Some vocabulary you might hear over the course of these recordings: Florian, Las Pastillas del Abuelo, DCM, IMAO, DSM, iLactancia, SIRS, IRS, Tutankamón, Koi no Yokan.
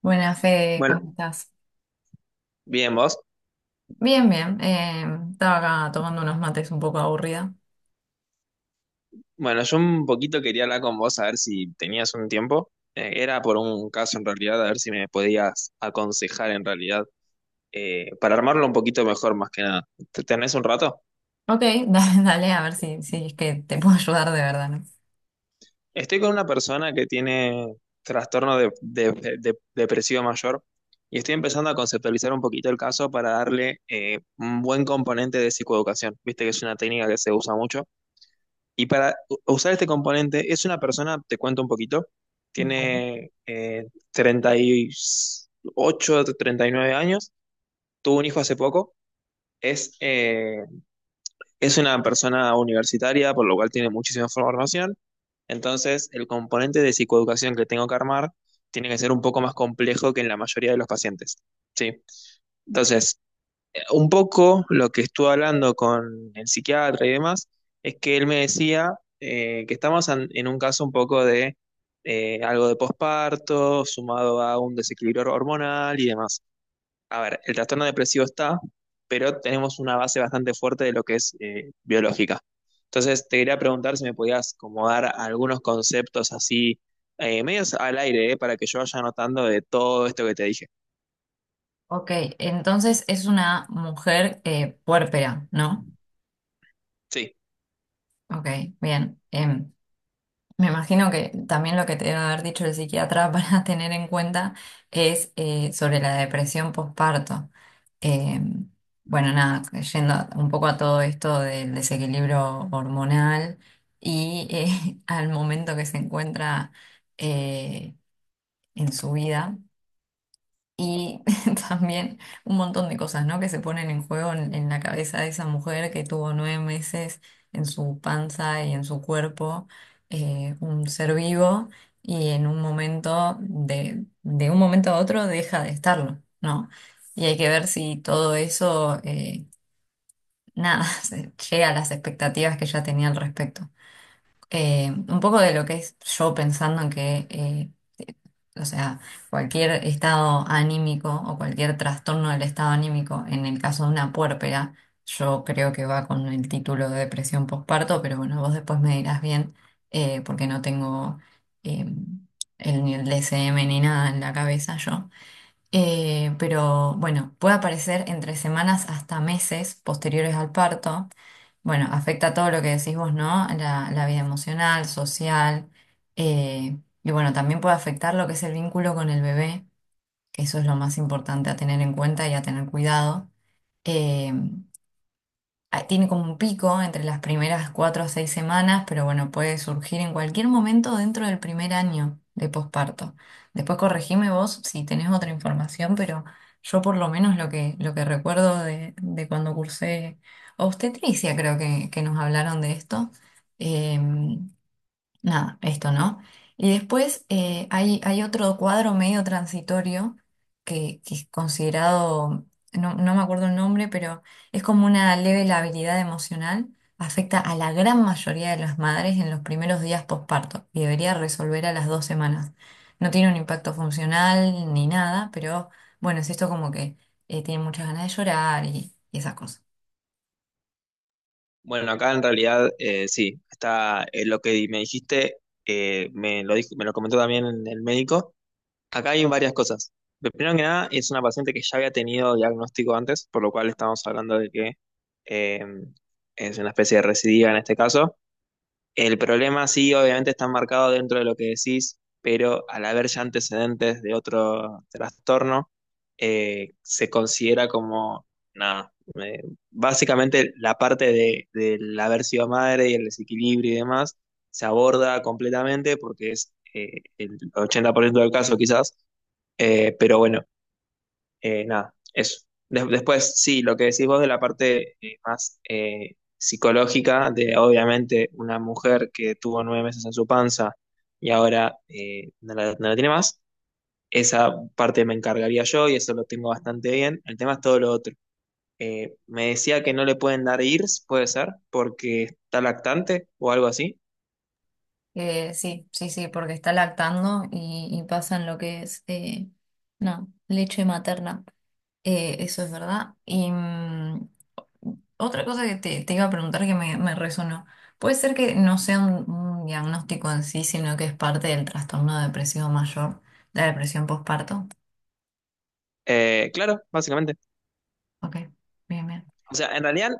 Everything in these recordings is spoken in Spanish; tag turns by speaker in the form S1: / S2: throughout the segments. S1: Buenas, Fede,
S2: Bueno,
S1: ¿cómo estás?
S2: bien, vos.
S1: Bien, bien. Estaba acá tomando unos mates un poco aburrida.
S2: Bueno, yo un poquito quería hablar con vos a ver si tenías un tiempo. Era por un caso en realidad, a ver si me podías aconsejar en realidad, para armarlo un poquito mejor más que nada. ¿Tenés un rato?
S1: Ok, dale, dale, a ver si es que te puedo ayudar de verdad, ¿no?
S2: Estoy con una persona que tiene trastorno depresivo mayor y estoy empezando a conceptualizar un poquito el caso para darle un buen componente de psicoeducación. Viste que es una técnica que se usa mucho. Y para usar este componente, es una persona, te cuento un poquito,
S1: Vale.
S2: tiene 38, 39 años, tuvo un hijo hace poco, es, eh, es una persona universitaria, por lo cual tiene muchísima formación, entonces el componente de psicoeducación que tengo que armar tiene que ser un poco más complejo que en la mayoría de los pacientes. Sí. Entonces, un poco lo que estuve hablando con el psiquiatra y demás es que él me decía que estamos en un caso un poco de algo de posparto, sumado a un desequilibrio hormonal y demás. A ver, el trastorno depresivo está, pero tenemos una base bastante fuerte de lo que es biológica. Entonces, te quería preguntar si me podías como dar algunos conceptos así, medios al aire, para que yo vaya anotando de todo esto que te dije.
S1: Ok, entonces es una mujer puérpera, ¿no?
S2: Sí.
S1: Ok, bien. Me imagino que también lo que te debe haber dicho el psiquiatra para tener en cuenta es sobre la depresión postparto. Eh, bueno, nada, yendo un poco a todo esto del desequilibrio hormonal y al momento que se encuentra eh, en su vida. Y también un montón de cosas, ¿no? Que se ponen en juego en la cabeza de esa mujer que tuvo 9 meses en su panza y en su cuerpo, un ser vivo, y en un momento, de un momento a otro, deja de estarlo, ¿no? Y hay que ver si todo eso, nada, llega a las expectativas que ya tenía al respecto un poco de lo que es yo pensando en que, o sea, cualquier estado anímico o cualquier trastorno del estado anímico, en el caso de una puérpera, yo creo que va con el título de depresión postparto, pero bueno, vos después me dirás bien, porque no tengo eh, el, ni el DSM ni nada en la cabeza yo. Pero bueno, puede aparecer entre semanas hasta meses posteriores al parto. Bueno, afecta todo lo que decís vos, ¿no? La vida emocional, social. Y bueno, también puede afectar lo que es el vínculo con el bebé, que eso es lo más importante a tener en cuenta y a tener cuidado. Eh, Tiene como un pico entre las primeras 4 o 6 semanas, pero bueno, puede surgir en cualquier momento dentro del primer año de posparto. Después corregime vos si tenés otra información, pero yo por lo menos lo que recuerdo de cuando cursé obstetricia, creo que nos hablaron de esto. em, Nada, esto, ¿no? Y después hay, hay otro cuadro medio transitorio que es considerado, no, no me acuerdo el nombre, pero es como una leve labilidad emocional, afecta a la gran mayoría de las madres en los primeros días posparto y debería resolver a las 2 semanas. No tiene un impacto funcional ni nada, pero bueno, es esto como que tienen muchas ganas de llorar y esas cosas.
S2: Bueno, acá en realidad sí, está lo que me dijiste, me lo dijo, me lo comentó también el médico. Acá hay varias cosas. Primero que nada, es una paciente que ya había tenido diagnóstico antes, por lo cual estamos hablando de que eh, es una especie de recidiva en este caso. El problema sí, obviamente está marcado dentro de lo que decís, pero al haber ya antecedentes de otro trastorno, se considera como, nada, eh, básicamente la parte de, del haber sido madre y el desequilibrio y demás se aborda completamente porque es el 80% del caso quizás, pero bueno, nada, eso. Después, sí, lo que decís vos de la parte más psicológica, de obviamente una mujer que tuvo 9 meses en su panza y ahora no la, no la tiene más, esa parte me encargaría yo y eso lo tengo bastante bien. El tema es todo lo otro. Me decía que no le pueden dar IRS, puede ser, porque está lactante o algo así.
S1: Sí, sí, sí, porque está lactando y pasa lo que es, no, leche materna. Eso es verdad. Y mm, otra cosa que te iba a preguntar que me resonó. Puede ser que no sea un diagnóstico en sí, sino que es parte del trastorno depresivo mayor, la depresión postparto.
S2: Claro, básicamente.
S1: Ok, bien, bien.
S2: O sea, en realidad,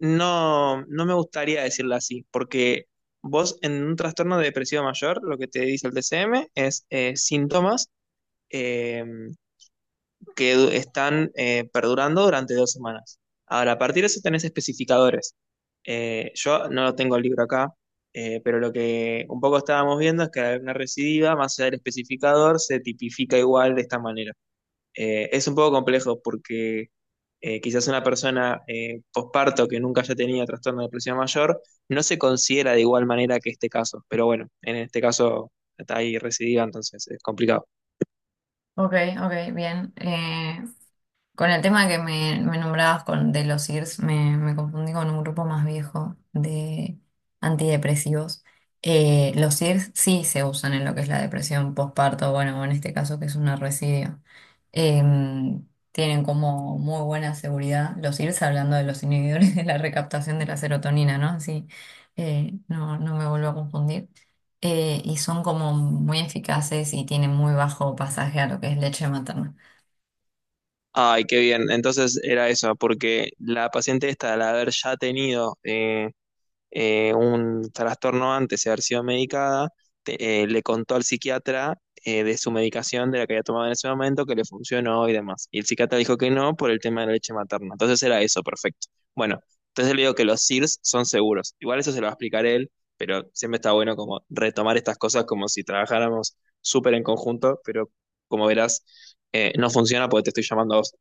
S2: no, no me gustaría decirlo así, porque vos en un trastorno de depresivo mayor, lo que te dice el DCM es síntomas eh, están perdurando durante 2 semanas. Ahora, a partir de eso tenés especificadores. Yo no lo tengo el libro acá, pero lo que un poco estábamos viendo es que al haber una recidiva, más allá del especificador, se tipifica igual de esta manera. Es un poco complejo porque quizás una persona posparto que nunca haya tenido trastorno de depresión mayor no se considera de igual manera que este caso, pero bueno, en este caso está ahí recidiva, entonces es complicado.
S1: Ok, ok, bien. Con el tema que me nombrabas con, de los IRS, me, me confundí con un grupo más viejo de antidepresivos. Los IRS sí se usan en lo que es la depresión postparto, bueno, o en este caso que es una residuo. Tienen como muy buena seguridad los IRS, hablando de los inhibidores de la recaptación de la serotonina, ¿no? Así no, no me vuelvo a confundir. Y son como muy eficaces y tienen muy bajo pasaje a lo que es leche materna.
S2: Ay, qué bien, entonces era eso, porque la paciente esta, al haber ya tenido un trastorno antes de haber sido medicada, le contó al psiquiatra de su medicación, de la que había tomado en ese momento, que le funcionó y demás. Y el psiquiatra dijo que no por el tema de la leche materna. Entonces era eso, perfecto. Bueno, entonces le digo que los SIRS son seguros. Igual eso se lo va a explicar él, pero siempre está bueno como retomar estas cosas como si trabajáramos súper en conjunto, pero como verás, no funciona porque te estoy llamando a vos.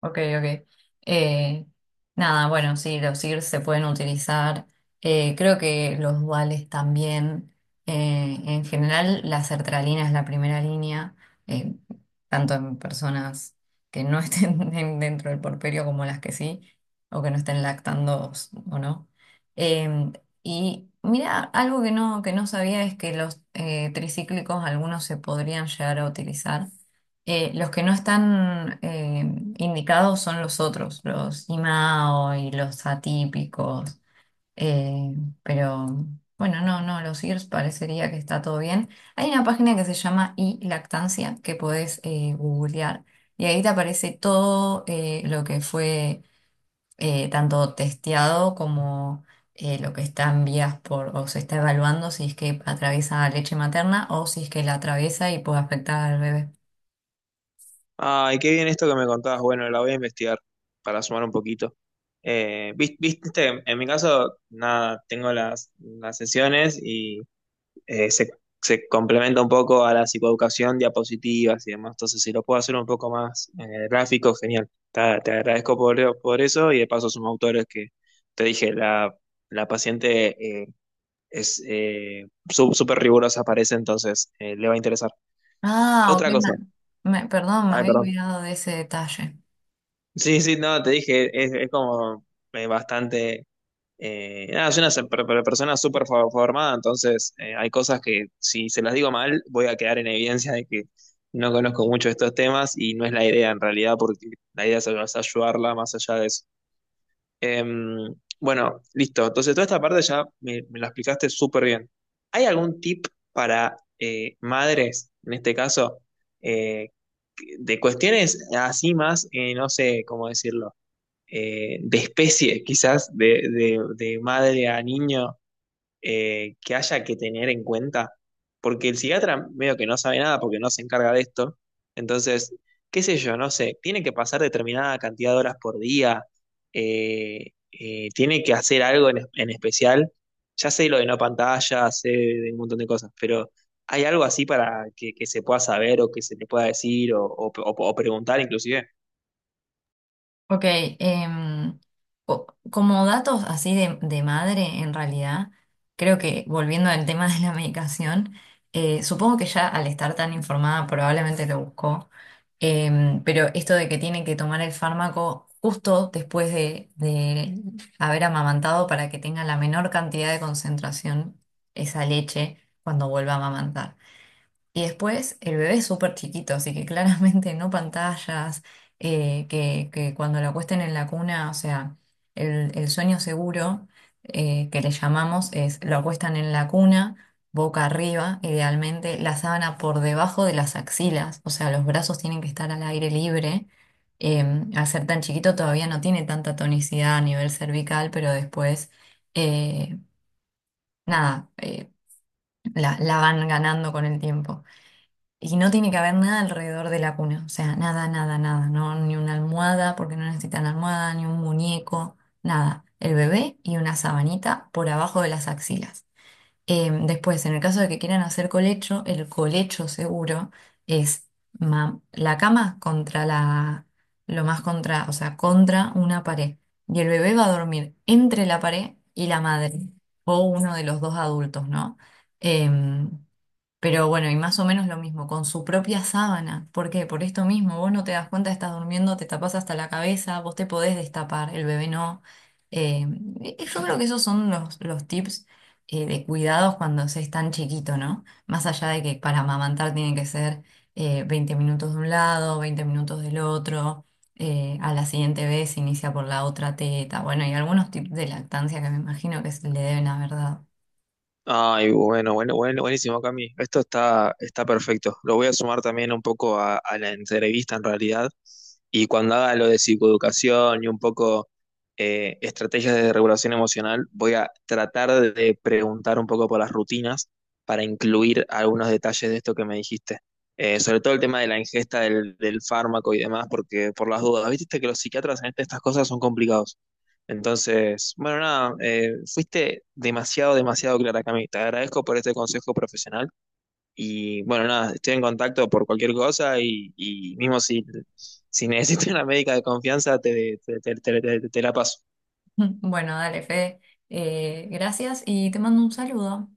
S1: Ok, ok. Eh, Nada, bueno, sí, los IRS se pueden utilizar. Creo que los duales también. En general, la sertralina es la primera línea, eh, tanto en personas que no estén dentro del porperio como las que sí, o que no estén lactando o no. Eh, y mira, algo que no sabía es que los tricíclicos, algunos se podrían llegar a utilizar. Los que no están indicados son los otros, los IMAO y los atípicos. Eh, pero bueno, no, no, los IRS parecería que está todo bien. Hay una página que se llama iLactancia que podés googlear y ahí te aparece todo lo que fue tanto testeado como lo que está en vías por o se está evaluando si es que atraviesa leche materna o si es que la atraviesa y puede afectar al bebé.
S2: Ay, qué bien esto que me contabas. Bueno, la voy a investigar para sumar un poquito. Viste, en mi caso, nada, tengo las sesiones y eh, se, se complementa un poco a la psicoeducación, diapositivas y demás. Entonces, si lo puedo hacer un poco más gráfico, genial. Te agradezco por eso y de paso son autores que te dije, la paciente es súper rigurosa, parece, entonces le va a interesar.
S1: Ah, ok,
S2: Otra cosa.
S1: perdón, me
S2: Ay,
S1: había
S2: perdón.
S1: olvidado de ese detalle.
S2: Sí, sí, no, te dije, es como bastante... nada, soy una persona súper formada, entonces hay cosas que si se las digo mal voy a quedar en evidencia de que no conozco mucho estos temas y no es la idea en realidad, porque la idea es ayudarla más allá de eso. Em, bueno, listo, entonces toda esta parte ya me la explicaste súper bien. ¿Hay algún tip para madres, en este caso, eh, de cuestiones así más, no sé cómo decirlo, de especie, quizás, de, de madre a niño que haya que tener en cuenta? Porque el psiquiatra medio que no sabe nada porque no se encarga de esto. Entonces, qué sé yo, no sé, tiene que pasar determinada cantidad de horas por día, tiene que hacer algo en especial. Ya sé lo de no pantalla, sé de un montón de cosas, pero ¿hay algo así para que se pueda saber o que se le pueda decir o o preguntar inclusive?
S1: Ok, como datos así de madre, en realidad, creo que volviendo al tema de la medicación, supongo que ya al estar tan informada probablemente lo buscó, pero esto de que tiene que tomar el fármaco justo después de haber amamantado para que tenga la menor cantidad de concentración esa leche cuando vuelva a amamantar. Y después el bebé es súper chiquito, así que claramente no pantallas, que cuando la acuesten en la cuna, o sea, el sueño seguro que le llamamos es lo acuestan en la cuna, boca arriba, idealmente, la sábana por debajo de las axilas, o sea, los brazos tienen que estar al aire libre. Eh, Al ser tan chiquito todavía no tiene tanta tonicidad a nivel cervical, pero después, eh, nada, la van ganando con el tiempo. Y no tiene que haber nada alrededor de la cuna, o sea, nada, nada, nada, no, ni una almohada, porque no necesitan almohada, ni un muñeco, nada. El bebé y una sabanita por abajo de las axilas. Después, en el caso de que quieran hacer colecho, el colecho seguro es la cama contra la, lo más contra, o sea, contra una pared. Y el bebé va a dormir entre la pared y la madre, o uno de los dos adultos, ¿no? Em, pero bueno, y más o menos lo mismo, con su propia sábana. ¿Por qué? Por esto mismo, vos no te das cuenta, estás durmiendo, te tapas hasta la cabeza, vos te podés destapar, el bebé no. Eh, yo creo que esos son los tips de cuidados cuando se es tan chiquito, ¿no? Más allá de que para amamantar tiene que ser 20 minutos de un lado, 20 minutos del otro, a la siguiente vez se inicia por la otra teta. Bueno, y algunos tips de lactancia que me imagino que se le deben haber dado.
S2: Ay, bueno, bueno, bueno, buenísimo, Cami. Esto está, está perfecto. Lo voy a sumar también un poco a la entrevista en realidad. Y cuando haga lo de psicoeducación y un poco estrategias de regulación emocional, voy a tratar de preguntar un poco por las rutinas para incluir algunos detalles de esto que me dijiste. Sobre todo el tema de la ingesta del, del fármaco y demás, porque por las dudas, viste que los psiquiatras en este, estas cosas son complicados. Entonces, bueno, nada, fuiste demasiado, demasiado clara, Cami. Te agradezco por este consejo profesional y bueno, nada, estoy en contacto por cualquier cosa y mismo si, si necesitas una médica de confianza, te, te la paso.
S1: Bueno, dale, Fede. Gracias y te mando un saludo.